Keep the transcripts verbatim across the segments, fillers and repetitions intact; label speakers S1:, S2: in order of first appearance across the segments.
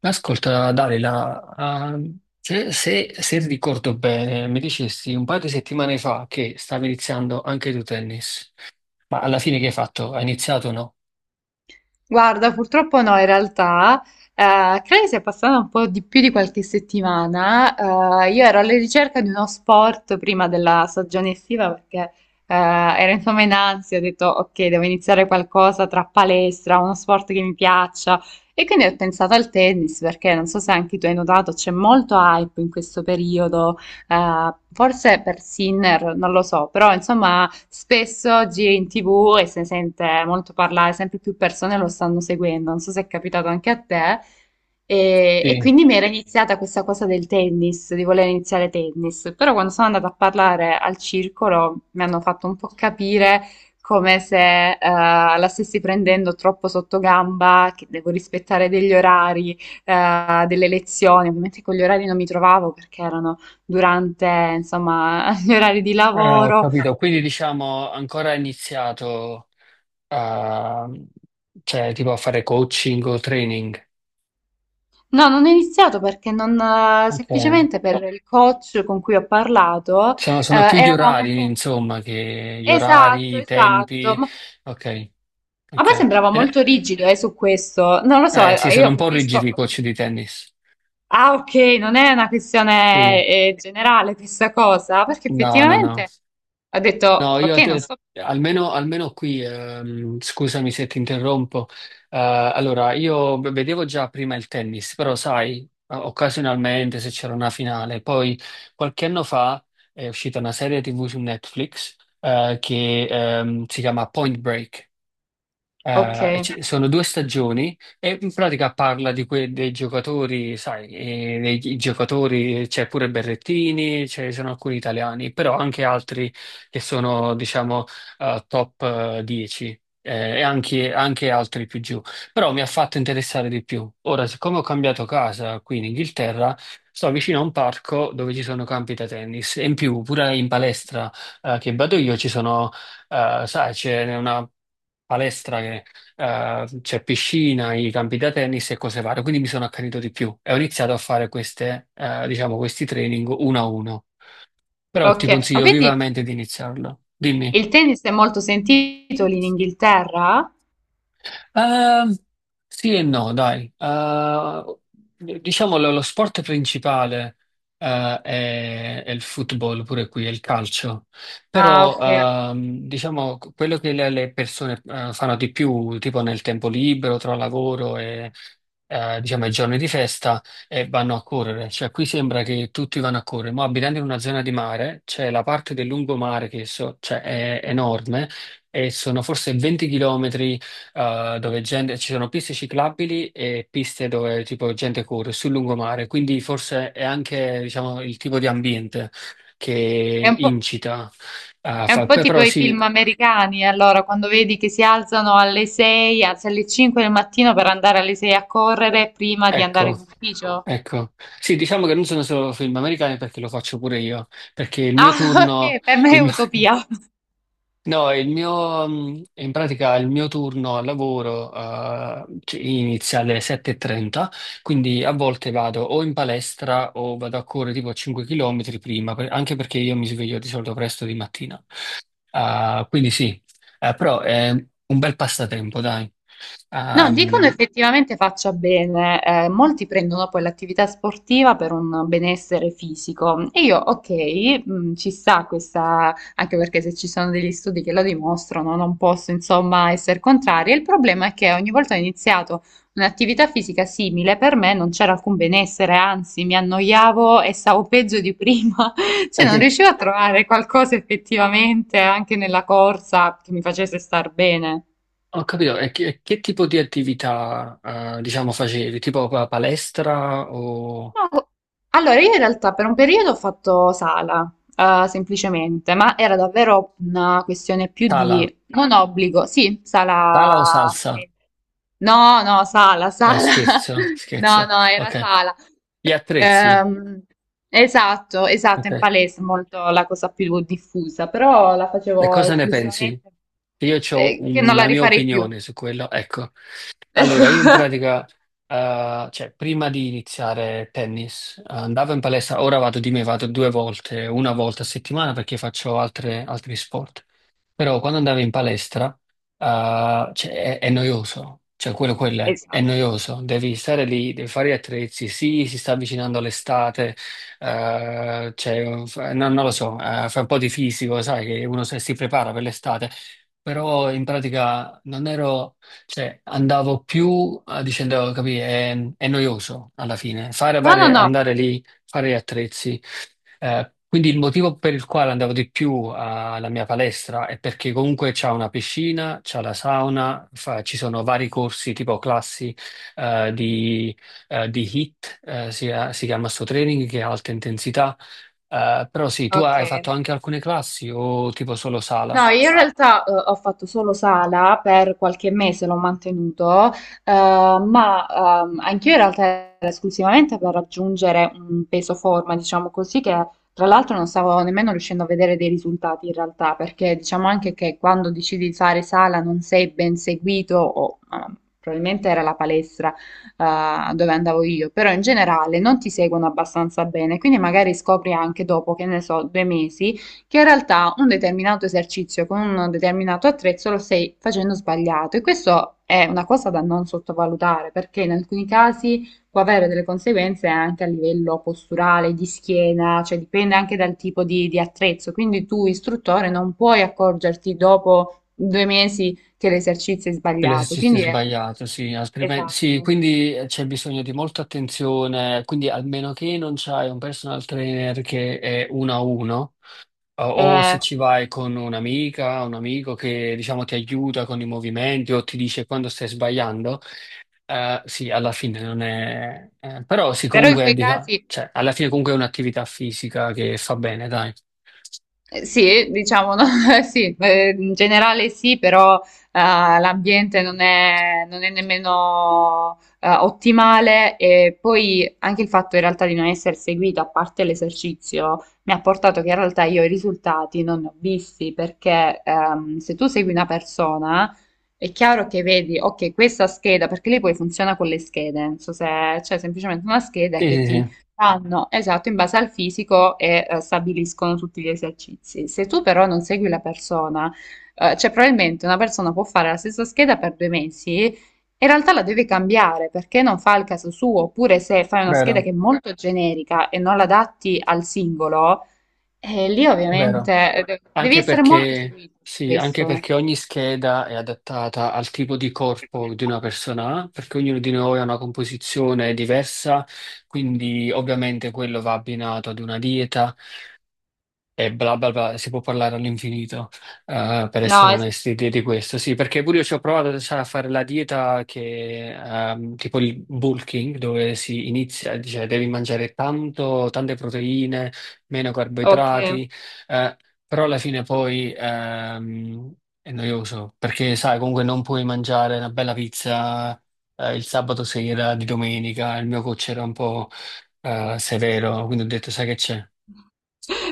S1: Ascolta, Dalila, ah, se, se- se ricordo bene, mi dicesti un paio di settimane fa che stavi iniziando anche tu tennis, ma alla fine che hai fatto? Hai iniziato o no?
S2: Guarda, purtroppo no, in realtà, eh, credo che sia passata un po' di più di qualche settimana. Eh, io ero alla ricerca di uno sport prima della stagione estiva perché eh, ero insomma in ansia, ho detto ok, devo iniziare qualcosa tra palestra, uno sport che mi piaccia e quindi ho pensato al tennis perché non so se anche tu hai notato, c'è molto hype in questo periodo, eh, forse per Sinner, non lo so, però insomma spesso oggi è in T V e se ne sente molto parlare, sempre più persone lo stanno seguendo, non so se è capitato anche a te. E, e
S1: Sì.
S2: quindi mi era iniziata questa cosa del tennis, di voler iniziare tennis, però quando sono andata a parlare al circolo mi hanno fatto un po' capire come se eh, la stessi prendendo troppo sotto gamba, che devo rispettare degli orari, eh, delle lezioni. Ovviamente con gli orari non mi trovavo perché erano durante, insomma, gli orari di
S1: Ah, ho
S2: lavoro.
S1: capito, quindi diciamo ancora hai iniziato a, cioè, tipo a fare coaching o training.
S2: No, non ho iniziato perché non, eh,
S1: Ok.
S2: semplicemente per il coach con cui ho parlato, eh,
S1: Sono, sono più gli
S2: eravamo un
S1: orari,
S2: po'...
S1: insomma, che gli orari,
S2: Esatto,
S1: i
S2: esatto.
S1: tempi.
S2: Ma
S1: Ok,
S2: a
S1: ok.
S2: me sembrava
S1: Eh,
S2: molto rigido, eh, su questo. Non lo so,
S1: eh, sì,
S2: eh,
S1: sono
S2: io
S1: un po'
S2: capisco.
S1: rigidi i coach di tennis.
S2: Ah, ok, non è una
S1: Sì.
S2: questione, eh, generale questa cosa, perché
S1: No, no, no.
S2: effettivamente ho detto,
S1: No,
S2: ok,
S1: io
S2: non
S1: te-
S2: so.
S1: almeno, almeno qui, ehm, scusami se ti interrompo. Eh, allora, io v- vedevo già prima il tennis, però sai, o- occasionalmente se c'era una finale. Poi qualche anno fa è uscita una serie T V su Netflix, eh, che, ehm, si chiama Point Break.
S2: Ok,
S1: Eh, ci- sono due stagioni e in pratica parla di que- dei giocatori, sai, eh, dei gi- giocatori, c'è pure Berrettini, ci sono alcuni italiani, però anche altri che sono, diciamo, eh, top eh, dieci eh, e anche, anche altri più giù. Però mi ha fatto interessare di più. Ora, siccome ho cambiato casa qui in Inghilterra, sto vicino a un parco dove ci sono campi da tennis e in più pure in palestra eh, che vado io ci sono. Eh, sai, c'è una palestra che eh, c'è piscina, i campi da tennis e cose varie, quindi mi sono accanito di più e ho iniziato a fare queste, eh, diciamo, questi training uno a uno. Però ti
S2: ok. Ma
S1: consiglio
S2: quindi
S1: vivamente di iniziarlo. Dimmi.
S2: il tennis è molto sentito lì in Inghilterra?
S1: Ehm, sì e no, dai. Eh, diciamo lo, lo sport principale eh, è, è il football, pure qui, è il calcio.
S2: Ah,
S1: Però
S2: ok.
S1: ehm, diciamo quello che le, le persone eh, fanno di più, tipo nel tempo libero, tra lavoro e eh, diciamo i giorni di festa, e vanno a correre. Cioè qui sembra che tutti vanno a correre, ma abitando in una zona di mare, c'è la parte del lungomare che so- cioè, è enorme e sono forse venti chilometri eh, dove gente- ci sono piste ciclabili e piste dove tipo gente corre sul lungomare, quindi forse è anche diciamo, il tipo di ambiente
S2: È
S1: che
S2: un po'...
S1: incita a
S2: È un
S1: fare.
S2: po'
S1: Però
S2: tipo i
S1: sì,
S2: film americani, allora, quando vedi che si alzano alle sei, anzi alle cinque del mattino per andare alle sei a correre prima di andare
S1: ecco,
S2: in ufficio.
S1: ecco. Sì, diciamo che non sono solo film americani perché lo faccio pure io, perché il mio
S2: Ah,
S1: turno,
S2: ok, per me è
S1: il
S2: utopia.
S1: no, il mio, mh, in pratica il mio turno al lavoro eh, ci- inizia alle sette e trenta, quindi a volte vado o in palestra o vado a correre tipo cinque chilometri prima, per- anche perché io mi sveglio di solito presto di mattina. Ah, quindi sì, eh, però è un bel passatempo, dai.
S2: No, dicono
S1: Ehm,
S2: effettivamente faccia bene, eh, molti prendono poi l'attività sportiva per un benessere fisico e io, ok, mh, ci sta questa, anche perché se ci sono degli studi che lo dimostrano, non posso insomma essere contraria. Il problema è che ogni volta che ho iniziato un'attività fisica simile, per me non c'era alcun benessere, anzi mi annoiavo e stavo peggio di prima,
S1: è
S2: cioè non
S1: che-
S2: riuscivo a trovare qualcosa effettivamente anche nella corsa che mi facesse star bene.
S1: ho capito, e che, che tipo di attività eh, diciamo facevi? Tipo pa- palestra o
S2: No, allora, io in realtà per un periodo ho fatto sala, eh, semplicemente, ma era davvero una questione più
S1: tala?
S2: di non obbligo, sì,
S1: Tala o
S2: sala.
S1: salsa?
S2: No, no, sala,
S1: No,
S2: sala.
S1: scherzo,
S2: No,
S1: scherzo.
S2: no, era
S1: Ok.
S2: sala.
S1: Gli attrezzi.
S2: Ehm, esatto, esatto, in
S1: Ok.
S2: palestra è molto la cosa più diffusa, però la
S1: E
S2: facevo
S1: cosa ne pensi?
S2: esclusivamente,
S1: Che Io ho
S2: eh, che non la
S1: una mia
S2: rifarei più.
S1: opinione su quello. Ecco. Allora, io in
S2: Ecco.
S1: pratica, eh, cioè, prima di iniziare tennis, eh, andavo in palestra, ora vado di me, vado due volte, una volta a settimana perché faccio altre- altri sport. Però quando andavi in palestra, eh, cioè, è, è noioso, cioè quello, quello è, è
S2: Esatto.
S1: noioso, devi stare lì, devi fare gli attrezzi, sì, si sta avvicinando l'estate, eh, cioè, fa- non, non lo so, eh, fa un po' di fisico, sai, che uno se- si prepara per l'estate, però in pratica non ero, cioè andavo più eh, dicendo, capì, è, è noioso alla fine, fare,
S2: No, no,
S1: fare-
S2: no.
S1: andare lì, fare gli attrezzi. Eh, quindi il motivo per il quale andavo di più alla mia palestra è perché comunque c'è una piscina, c'è la sauna, fa- ci sono vari corsi tipo classi eh, di, eh, di H I I T, eh, si, eh, si chiama sto training che è alta intensità. Eh, però sì, tu
S2: Ok.
S1: hai fatto anche alcune classi o tipo solo sala?
S2: No, io in realtà eh, ho fatto solo sala per qualche mese, l'ho mantenuto, eh, ma ehm, anch'io in realtà era esclusivamente per raggiungere un peso forma, diciamo così, che tra l'altro non stavo nemmeno riuscendo a vedere dei risultati in realtà, perché diciamo anche che quando decidi di fare sala non sei ben seguito, o ehm, probabilmente era la palestra eh, dove andavo io, però in generale non ti seguono abbastanza bene, quindi magari scopri anche dopo, che ne so, due mesi che in realtà un determinato esercizio con un determinato attrezzo lo stai facendo sbagliato e questo è una cosa da non sottovalutare perché in alcuni casi può avere delle conseguenze anche a livello posturale, di schiena, cioè dipende anche dal tipo di, di attrezzo, quindi tu istruttore non puoi accorgerti dopo due mesi che l'esercizio è sbagliato,
S1: L'esercizio è
S2: quindi è
S1: sbagliato, sì, altrimenti,
S2: esatto.
S1: sì, quindi eh, c'è bisogno di molta attenzione, quindi almeno che non c'hai un personal trainer che è uno a uno, O o se
S2: Eh,
S1: ci vai con un'amica, un amico che diciamo ti aiuta con i movimenti o ti dice quando stai sbagliando, eh, sì, alla fine non è... eh, però sì,
S2: Però in
S1: comunque,
S2: quei
S1: dica-
S2: casi...
S1: cioè, alla fine comunque è un'attività fisica che fa bene, dai.
S2: Eh, Sì, diciamo, no? Sì, eh, in generale sì, però eh, l'ambiente non è, non è nemmeno eh, ottimale e poi anche il fatto in realtà di non essere seguita, a parte l'esercizio, mi ha portato che in realtà io i risultati non ne ho visti perché ehm, se tu segui una persona è chiaro che vedi, ok, questa scheda, perché lei poi funziona con le schede, non so se c'è semplicemente una scheda
S1: Sì,
S2: che
S1: sì,
S2: ti
S1: sì,
S2: fanno, esatto, in base al fisico e eh, stabiliscono tutti gli esercizi. Se tu però non segui la persona, eh, cioè probabilmente una persona può fare la stessa scheda per due mesi e in realtà la deve cambiare perché non fa il caso suo, oppure se fai una scheda che
S1: vero,
S2: è molto generica e non la adatti al singolo, eh, lì
S1: è vero.
S2: ovviamente eh, devi
S1: Anche
S2: essere molto
S1: perché,
S2: seguito su
S1: sì, anche
S2: questo.
S1: perché ogni scheda è adattata al tipo di corpo di una persona, ha, perché ognuno di noi ha una composizione diversa, quindi ovviamente quello va abbinato ad una dieta e bla bla bla, si può parlare all'infinito, eh, per
S2: No,
S1: essere
S2: es-
S1: onesti, di, di questo. Sì, perché pure io ci ho provato sai, a fare la dieta che, ehm, tipo il bulking, dove si inizia, cioè devi mangiare tanto, tante proteine, meno
S2: ok.
S1: carboidrati, eh, però alla fine poi ehm, è noioso, perché sai, comunque non puoi mangiare una bella pizza, eh, il sabato sera, di domenica, il mio coach era un po' eh, severo, quindi ho detto, sai che c'è?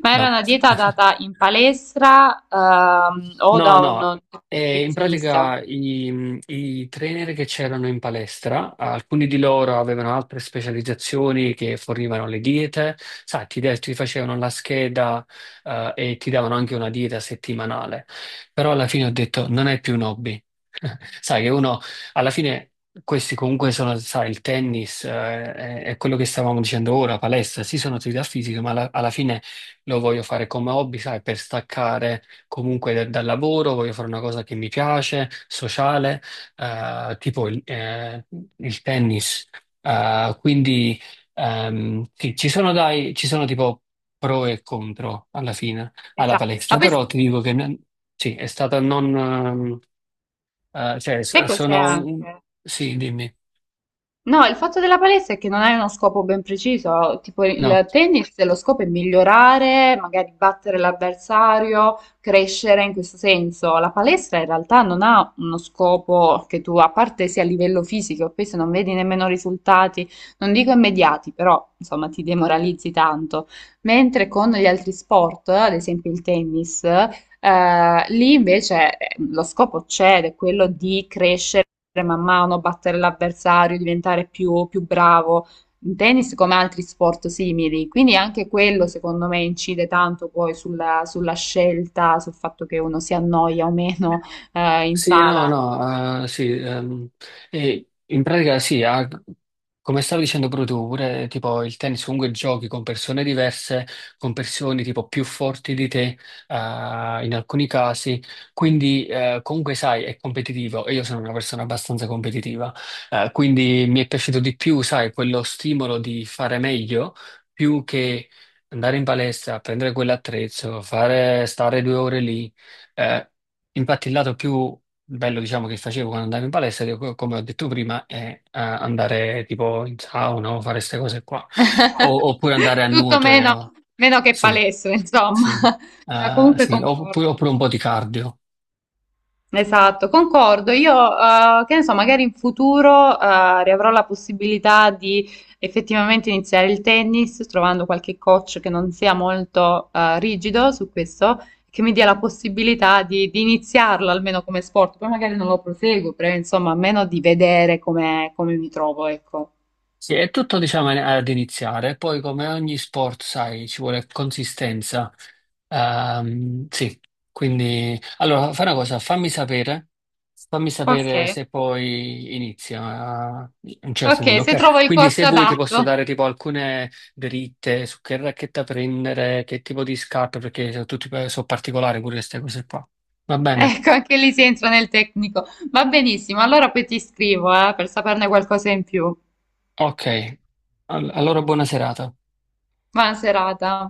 S2: Ma era
S1: No.
S2: una dieta data in palestra, ehm, o
S1: No,
S2: da un
S1: no, eh, in
S2: nutrizionista?
S1: pratica i, i trainer che c'erano in palestra, alcuni di loro avevano altre specializzazioni che fornivano le diete, sai, ti, de- ti facevano la scheda, eh, e ti davano anche una dieta settimanale, però alla fine ho detto non è più un hobby. Sai che uno, alla fine questi comunque sono, sai, il tennis, eh, è, è quello che stavamo dicendo ora, palestra, sì sono attività fisiche, ma alla alla fine lo voglio fare come hobby, sai, per staccare comunque da- dal lavoro, voglio fare una cosa che mi piace, sociale, eh, tipo il, eh, il tennis. Eh, quindi ehm, sì, ci sono, dai, ci sono tipo pro e contro alla fine alla
S2: Esatto. Ma
S1: palestra,
S2: poi s-
S1: però ti dico che non- sì, è stata non... ehm, eh, cioè, s-
S2: sai cos'è
S1: sono... un-
S2: anche?
S1: Sì, dimmi.
S2: No, il fatto della palestra è che non hai uno scopo ben preciso, tipo
S1: No.
S2: il tennis, lo scopo è migliorare, magari battere l'avversario, crescere in questo senso. La palestra in realtà non ha uno scopo che tu, a parte sia a livello fisico, poi se non vedi nemmeno risultati, non dico immediati, però insomma ti demoralizzi tanto. Mentre con gli altri sport, ad esempio il tennis, eh, lì invece eh, lo scopo c'è, ed è quello di crescere man mano, battere l'avversario, diventare più, più bravo in tennis come altri sport simili. Quindi anche quello, secondo me, incide tanto poi sulla, sulla scelta, sul fatto che uno si annoia o meno eh, in
S1: Sì, no,
S2: sala.
S1: no, eh, sì, ehm, e in pratica sì, ha- come stavi dicendo proprio tu, pure tipo il tennis comunque giochi con persone diverse, con persone tipo più forti di te, eh, in alcuni casi, quindi eh, comunque sai, è competitivo e io sono una persona abbastanza competitiva, eh, quindi mi è piaciuto di più, sai, quello stimolo di fare meglio più che andare in palestra, prendere quell'attrezzo, fare, stare due ore lì. eh, Infatti, il lato più bello, diciamo, che facevo quando andavo in palestra, che co- come ho detto prima, è eh, andare tipo in sauna o fare queste cose qua. O- oppure andare a
S2: Tutto meno,
S1: nuoto,
S2: meno che
S1: sì,
S2: palestra, insomma.
S1: sì,
S2: Ma
S1: eh,
S2: comunque
S1: sì. Oppure,
S2: concordo.
S1: oppure un po' di cardio.
S2: Esatto, concordo. Io, eh, che ne so, magari in futuro, eh, riavrò la possibilità di effettivamente iniziare il tennis, trovando qualche coach che non sia molto, eh, rigido su questo, che mi dia la possibilità di, di iniziarlo almeno come sport. Poi magari non lo proseguo, però insomma, almeno di vedere come, come mi trovo, ecco.
S1: Sì, è tutto, diciamo, ad iniziare. Poi, come ogni sport, sai, ci vuole consistenza. Ehm, sì, quindi allora fai una cosa, fammi sapere, fammi
S2: Ok,
S1: sapere se poi inizia a un certo
S2: ok,
S1: punto,
S2: se trovo
S1: ok?
S2: il
S1: Quindi
S2: coach
S1: se vuoi ti posso
S2: adatto.
S1: dare tipo alcune dritte su che racchetta prendere, che tipo di scarpe, perché sono tutti sono particolari pure queste cose qua. Va bene?
S2: Ecco, anche lì si entra nel tecnico. Va benissimo, allora poi ti scrivo, eh, per saperne qualcosa in più.
S1: Ok, All- allora buona serata.
S2: Buona serata.